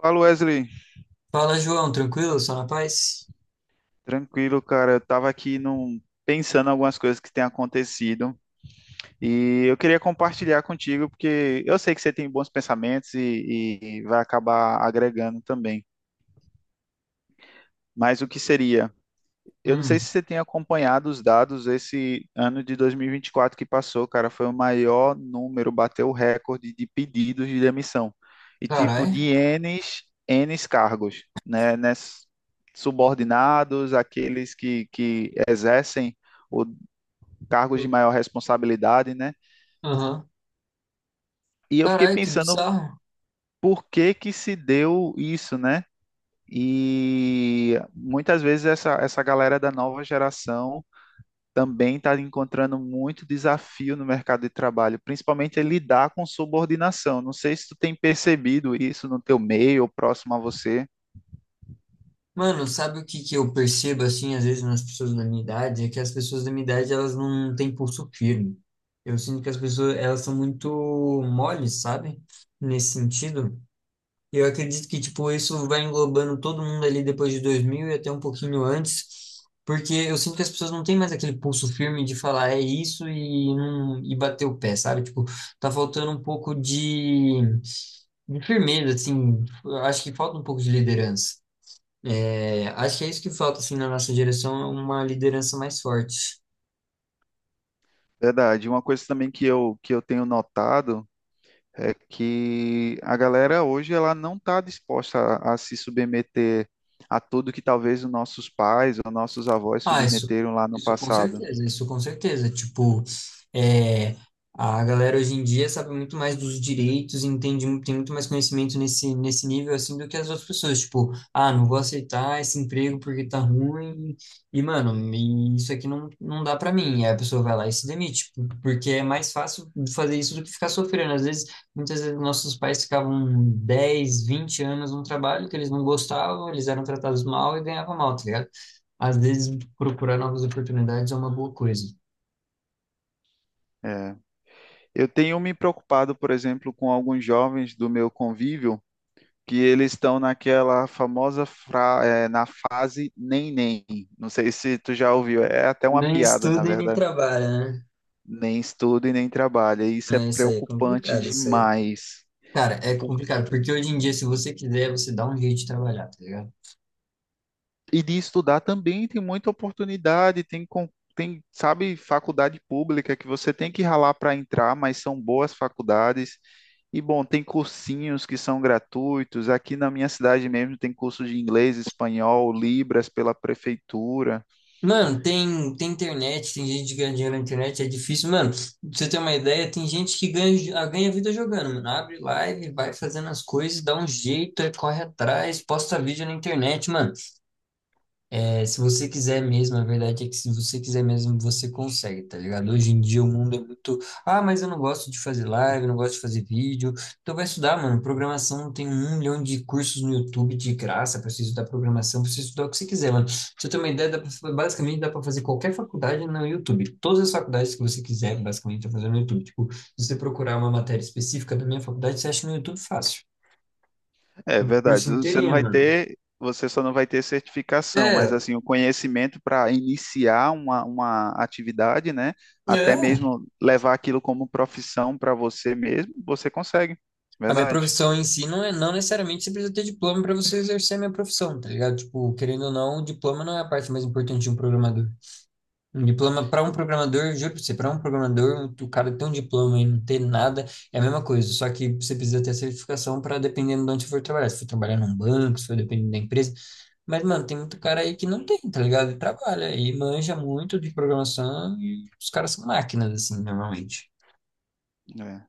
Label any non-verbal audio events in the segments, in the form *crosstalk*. Fala, Wesley. Fala, João, tranquilo? Só na paz? Tranquilo, cara. Eu tava aqui pensando em algumas coisas que têm acontecido e eu queria compartilhar contigo porque eu sei que você tem bons pensamentos e vai acabar agregando também. Mas o que seria? Eu não sei se Hum, você tem acompanhado os dados esse ano de 2024 que passou. Cara, foi o maior número, bateu o recorde de pedidos de demissão. E tipo, Carai. de N, N cargos, né? Subordinados, aqueles que exercem o cargos de maior responsabilidade, né? Aham. E eu fiquei Carai, que pensando bizarro. por que que se deu isso, né? E muitas vezes essa galera da nova geração também está encontrando muito desafio no mercado de trabalho, principalmente é lidar com subordinação. Não sei se tu tem percebido isso no teu meio ou próximo a você. Mano, sabe o que que eu percebo, assim, às vezes nas pessoas da minha idade? É que as pessoas da minha idade, elas não têm pulso firme. Eu sinto que as pessoas, elas são muito moles, sabe? Nesse sentido. E eu acredito que, tipo, isso vai englobando todo mundo ali depois de 2000 e até um pouquinho antes, porque eu sinto que as pessoas não têm mais aquele pulso firme de falar é isso e, não, e bater o pé, sabe? Tipo, tá faltando um pouco de firmeza, assim, eu acho que falta um pouco de liderança. É, acho que é isso que falta, assim, na nossa direção, é uma liderança mais forte. Verdade. Uma coisa também que eu tenho notado é que a galera hoje ela não está disposta a se submeter a tudo que talvez os nossos pais ou nossos avós Ah, isso, submeteram lá no isso com passado. certeza, isso com certeza. Tipo, é, a galera hoje em dia sabe muito mais dos direitos, entende, mu- tem muito mais conhecimento nesse nível assim do que as outras pessoas. Tipo, ah, não vou aceitar esse emprego porque tá ruim, e mano, me- isso aqui não, não dá pra mim. E aí a pessoa vai lá e se demite, p- porque é mais fácil fazer isso do que ficar sofrendo. Às vezes, muitas vezes nossos pais ficavam 10, 20 anos num trabalho que eles não gostavam, eles eram tratados mal e ganhavam mal, tá ligado? Às vezes procurar novas oportunidades é uma boa coisa. É. Eu tenho me preocupado, por exemplo, com alguns jovens do meu convívio que eles estão naquela famosa na fase nem nem. Não sei se tu já ouviu, é até uma Nem piada, na estuda e nem verdade. trabalha, né? Nem estuda e nem trabalha. E isso é É, isso aí é preocupante complicado, isso aí. demais. Cara, é Por- complicado, porque hoje em dia, se você quiser, você dá um jeito de trabalhar, tá ligado? E de estudar também tem muita oportunidade, tem, sabe, faculdade pública que você tem que ralar para entrar, mas são boas faculdades. E bom, tem cursinhos que são gratuitos. Aqui na minha cidade mesmo tem curso de inglês, espanhol, Libras pela prefeitura. Mano, tem internet, tem gente que ganha dinheiro na internet, é difícil. Mano, pra você ter uma ideia, tem gente que ganha, ah, ganha vida jogando, mano. Abre live, vai fazendo as coisas, dá um jeito, aí corre atrás, posta vídeo na internet, mano. É, se você quiser mesmo, a verdade é que se você quiser mesmo, você consegue, tá ligado? Hoje em dia o mundo é muito. Ah, mas eu não gosto de fazer live, eu não gosto de fazer vídeo. Então vai estudar, mano. Programação tem 1 milhão de cursos no YouTube de graça pra você estudar programação, pra você estudar o que você quiser, mano. Pra você ter uma ideia, dá pra- basicamente dá pra fazer qualquer faculdade no YouTube. Todas as faculdades que você quiser, basicamente, dá pra fazer no YouTube. Tipo, se você procurar uma matéria específica da minha faculdade, você acha no YouTube fácil. É O curso verdade. Inteirinho, mano. Você só não vai ter certificação, mas É, assim, o conhecimento para iniciar uma atividade, né? Até é. mesmo levar aquilo como profissão para você mesmo, você consegue. A minha Verdade. profissão em si não é, não necessariamente você precisa ter diploma para você exercer a minha profissão, tá ligado? Tipo, querendo ou não, o diploma não é a parte mais importante de um programador. Um diploma para um programador, juro pra você, para um programador, o cara ter um diploma e não ter nada é a mesma coisa, só que você precisa ter a certificação para dependendo de onde você for trabalhar. Se for trabalhar num banco, se for dependendo da empresa. Mas, mano, tem muito cara aí que não tem, tá ligado? E trabalha e manja muito de programação e os caras são máquinas, assim, normalmente. É.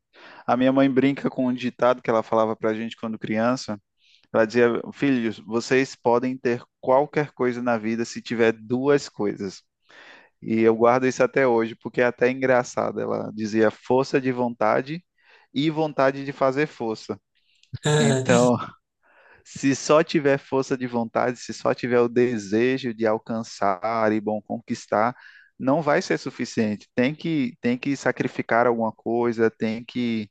A minha mãe brinca com um ditado que ela falava para a gente quando criança. Ela dizia: filhos, vocês podem ter qualquer coisa na vida se tiver duas coisas. E eu guardo isso até hoje, porque é até engraçado. Ela dizia força de vontade e vontade de fazer força. Então, *laughs* *laughs* se só tiver força de vontade, se só tiver o desejo de alcançar e bom conquistar, não vai ser suficiente. Tem que sacrificar alguma coisa, tem que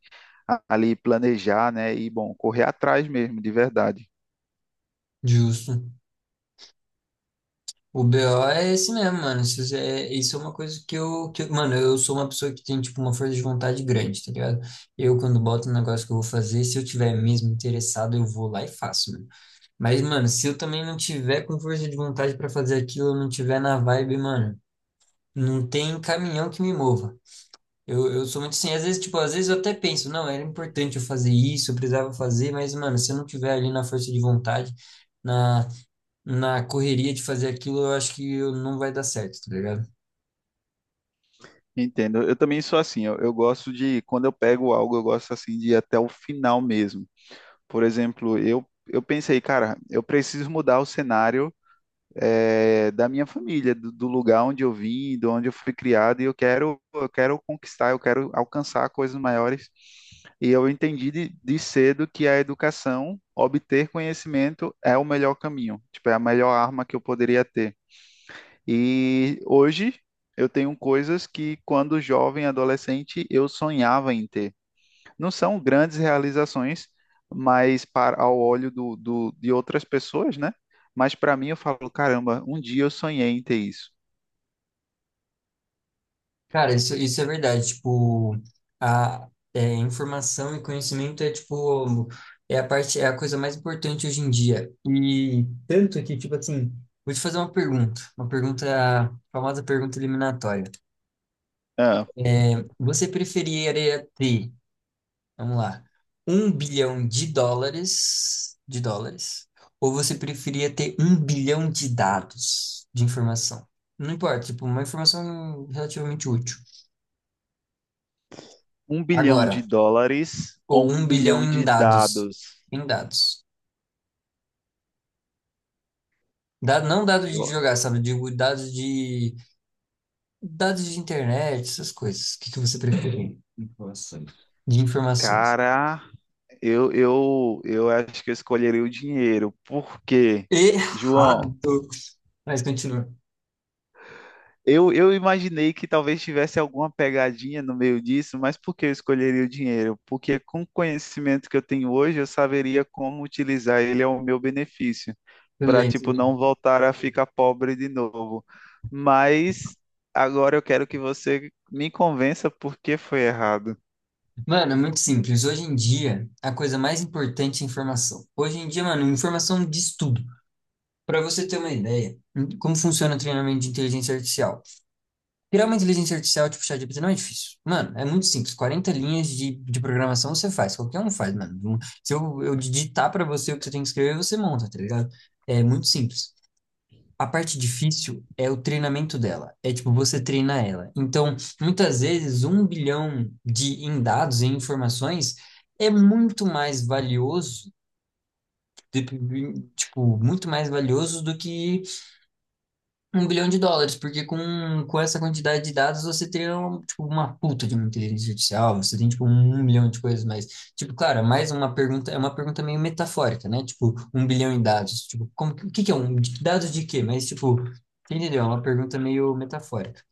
ali planejar, né? E bom, correr atrás mesmo, de verdade. Justo. O BO é esse mesmo, mano. Isso é uma coisa que, eu- mano, eu sou uma pessoa que tem, tipo, uma força de vontade grande, tá ligado? Eu, quando boto um negócio que eu vou fazer, se eu tiver mesmo interessado, eu vou lá e faço, mano. Mas, mano, se eu também não tiver com força de vontade pra fazer aquilo, eu não tiver na vibe, mano, não tem caminhão que me mova. Eu sou muito assim, às vezes, tipo, às vezes eu até penso, não, era importante eu fazer isso, eu precisava fazer, mas, mano, se eu não tiver ali na força de vontade, na na correria de fazer aquilo, eu acho que eu- não vai dar certo, tá ligado? Entendo. Eu também sou assim. Eu gosto de quando eu pego algo, eu gosto assim de ir até o final mesmo. Por exemplo, eu pensei, cara, eu preciso mudar o cenário da minha família, do, do lugar onde eu vim, de onde eu fui criado, e eu quero conquistar, eu quero alcançar coisas maiores. E eu entendi de cedo que a educação, obter conhecimento, é o melhor caminho, tipo, é a melhor arma que eu poderia ter. E hoje eu tenho coisas que, quando jovem, adolescente, eu sonhava em ter, não são grandes realizações, mas para ao olho de outras pessoas, né? Mas para mim eu falo, caramba, um dia eu sonhei em ter isso. Cara, isso é verdade. Tipo, a é, informação e conhecimento é, tipo, é a parte, é a coisa mais importante hoje em dia. E tanto que, tipo assim, vou te fazer uma pergunta, a famosa pergunta eliminatória. Ah, É, você preferiria ter vamos lá. Um bilhão de dólares, ou você preferia ter um bilhão de dados de informação? Não importa, tipo, uma informação relativamente útil. um bilhão Agora, de dólares ou ou um um bilhão bilhão em de dados, dados? em dados. Da- não dados de Eu- jogar, sabe? Digo dados de internet, essas coisas. O que que você prefere? De informações. Cara, eu acho que eu escolheria o dinheiro. Por quê? João, Errado. Mas continua. eu imaginei que talvez tivesse alguma pegadinha no meio disso, mas por que eu escolheria o dinheiro? Porque com o conhecimento que eu tenho hoje, eu saberia como utilizar ele ao meu benefício, Tudo para bem, tudo tipo bem. não voltar a ficar pobre de novo. Mas agora eu quero que você me convença por que foi errado. Mano, é muito simples. Hoje em dia, a coisa mais importante é informação. Hoje em dia, mano, informação diz tudo. Para você ter uma ideia, em- como funciona o treinamento de inteligência artificial? Criar uma inteligência artificial tipo ChatGPT não é difícil. Mano, é muito simples. 40 linhas de programação você faz. Qualquer um faz, mano. Um- se eu, eu digitar para você o que você tem que escrever, você monta, tá ligado? É muito simples. A parte difícil é o treinamento dela. É tipo, você treina ela. Então, muitas vezes, um bilhão de em dados e informações é muito mais valioso, de- tipo, muito mais valioso do que um bilhão de dólares, porque com essa quantidade de dados você teria um, tipo, uma puta de uma inteligência artificial, você tem tipo 1 milhão de coisas mais. Tipo, claro, é mais uma pergunta, é uma pergunta meio metafórica, né? Tipo, um bilhão em dados. Tipo, como, que- o que que é um de- dados de quê? Mas tipo, você entendeu? É uma pergunta meio metafórica.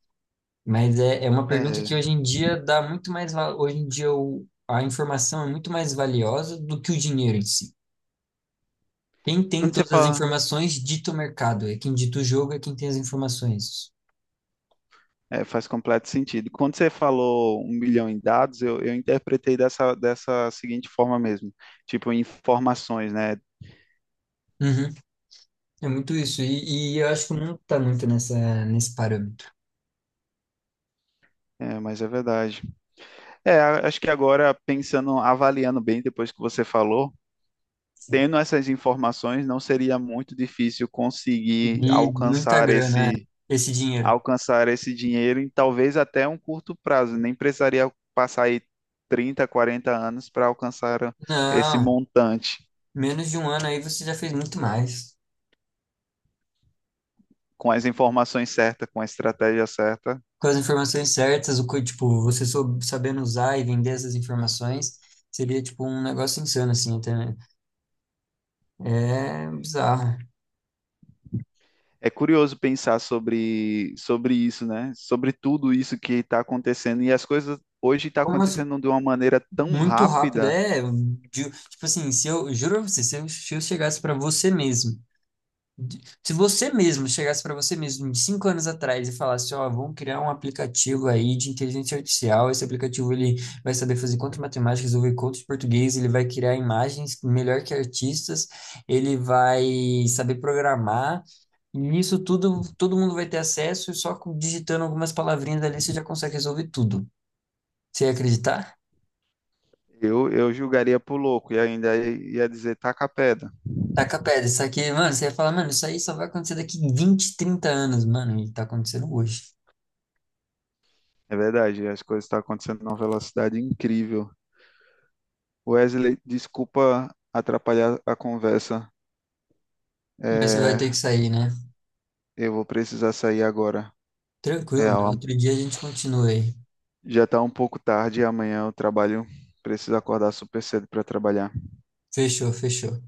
Mas é, é uma pergunta que É, hoje em dia dá muito mais, va- hoje em dia o, a informação é muito mais valiosa do que o dinheiro em si. Quem tem quando você todas as fala, informações dita o mercado, é quem dita o jogo, é quem tem as informações. é, faz completo sentido. Quando você falou um milhão em dados, eu interpretei dessa, dessa seguinte forma mesmo, tipo informações, né? Uhum. É muito isso. E eu acho que não tá muito nessa, nesse parâmetro. É, mas é verdade. É, acho que agora, pensando, avaliando bem depois que você falou, Assim, tendo essas informações, não seria muito difícil conseguir de muita grana, é, esse dinheiro. alcançar esse dinheiro em talvez até um curto prazo. Nem precisaria passar aí 30, 40 anos para alcançar esse Não, montante. menos de 1 ano aí você já fez muito mais. Com as informações certas, com a estratégia certa, Com as informações certas, o, co- tipo, você sou- sabendo usar e vender essas informações, seria tipo um negócio insano, assim, até, né? É bizarro. é curioso pensar sobre, sobre isso, né? Sobre tudo isso que está acontecendo. E as coisas hoje estão Como as- acontecendo de uma maneira tão muito rápido, rápida, é. De- tipo assim, se eu, juro pra você, se eu, se eu chegasse pra você mesmo. De- se você mesmo chegasse para você mesmo de 5 anos atrás e falasse, ó, vamos criar um aplicativo aí de inteligência artificial, esse aplicativo ele vai saber fazer conta de matemática, resolver conta de português, ele vai criar imagens melhor que artistas, ele vai saber programar, e nisso tudo todo mundo vai ter acesso e só com- digitando algumas palavrinhas ali você já consegue resolver tudo. Você ia acreditar? eu julgaria por louco e ainda ia dizer taca a pedra. Taca pedra, isso aqui, mano, você ia falar, mano, isso aí só vai acontecer daqui 20, 30 anos, mano, e tá acontecendo hoje. É verdade, as coisas estão acontecendo numa velocidade incrível. Wesley, desculpa atrapalhar a conversa. Mas você vai ter que É, sair, né? eu vou precisar sair agora. Tranquilo, mano. Real, Outro dia a gente continua aí. já está um pouco tarde e amanhã eu trabalho. Preciso acordar super cedo para trabalhar. Fechou, fechou.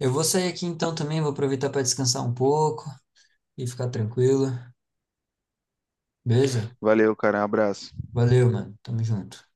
Eu vou sair aqui então também, vou aproveitar para descansar um pouco e ficar tranquilo. Beleza? Valeu, cara. Abraço. Valeu, mano. Tamo junto.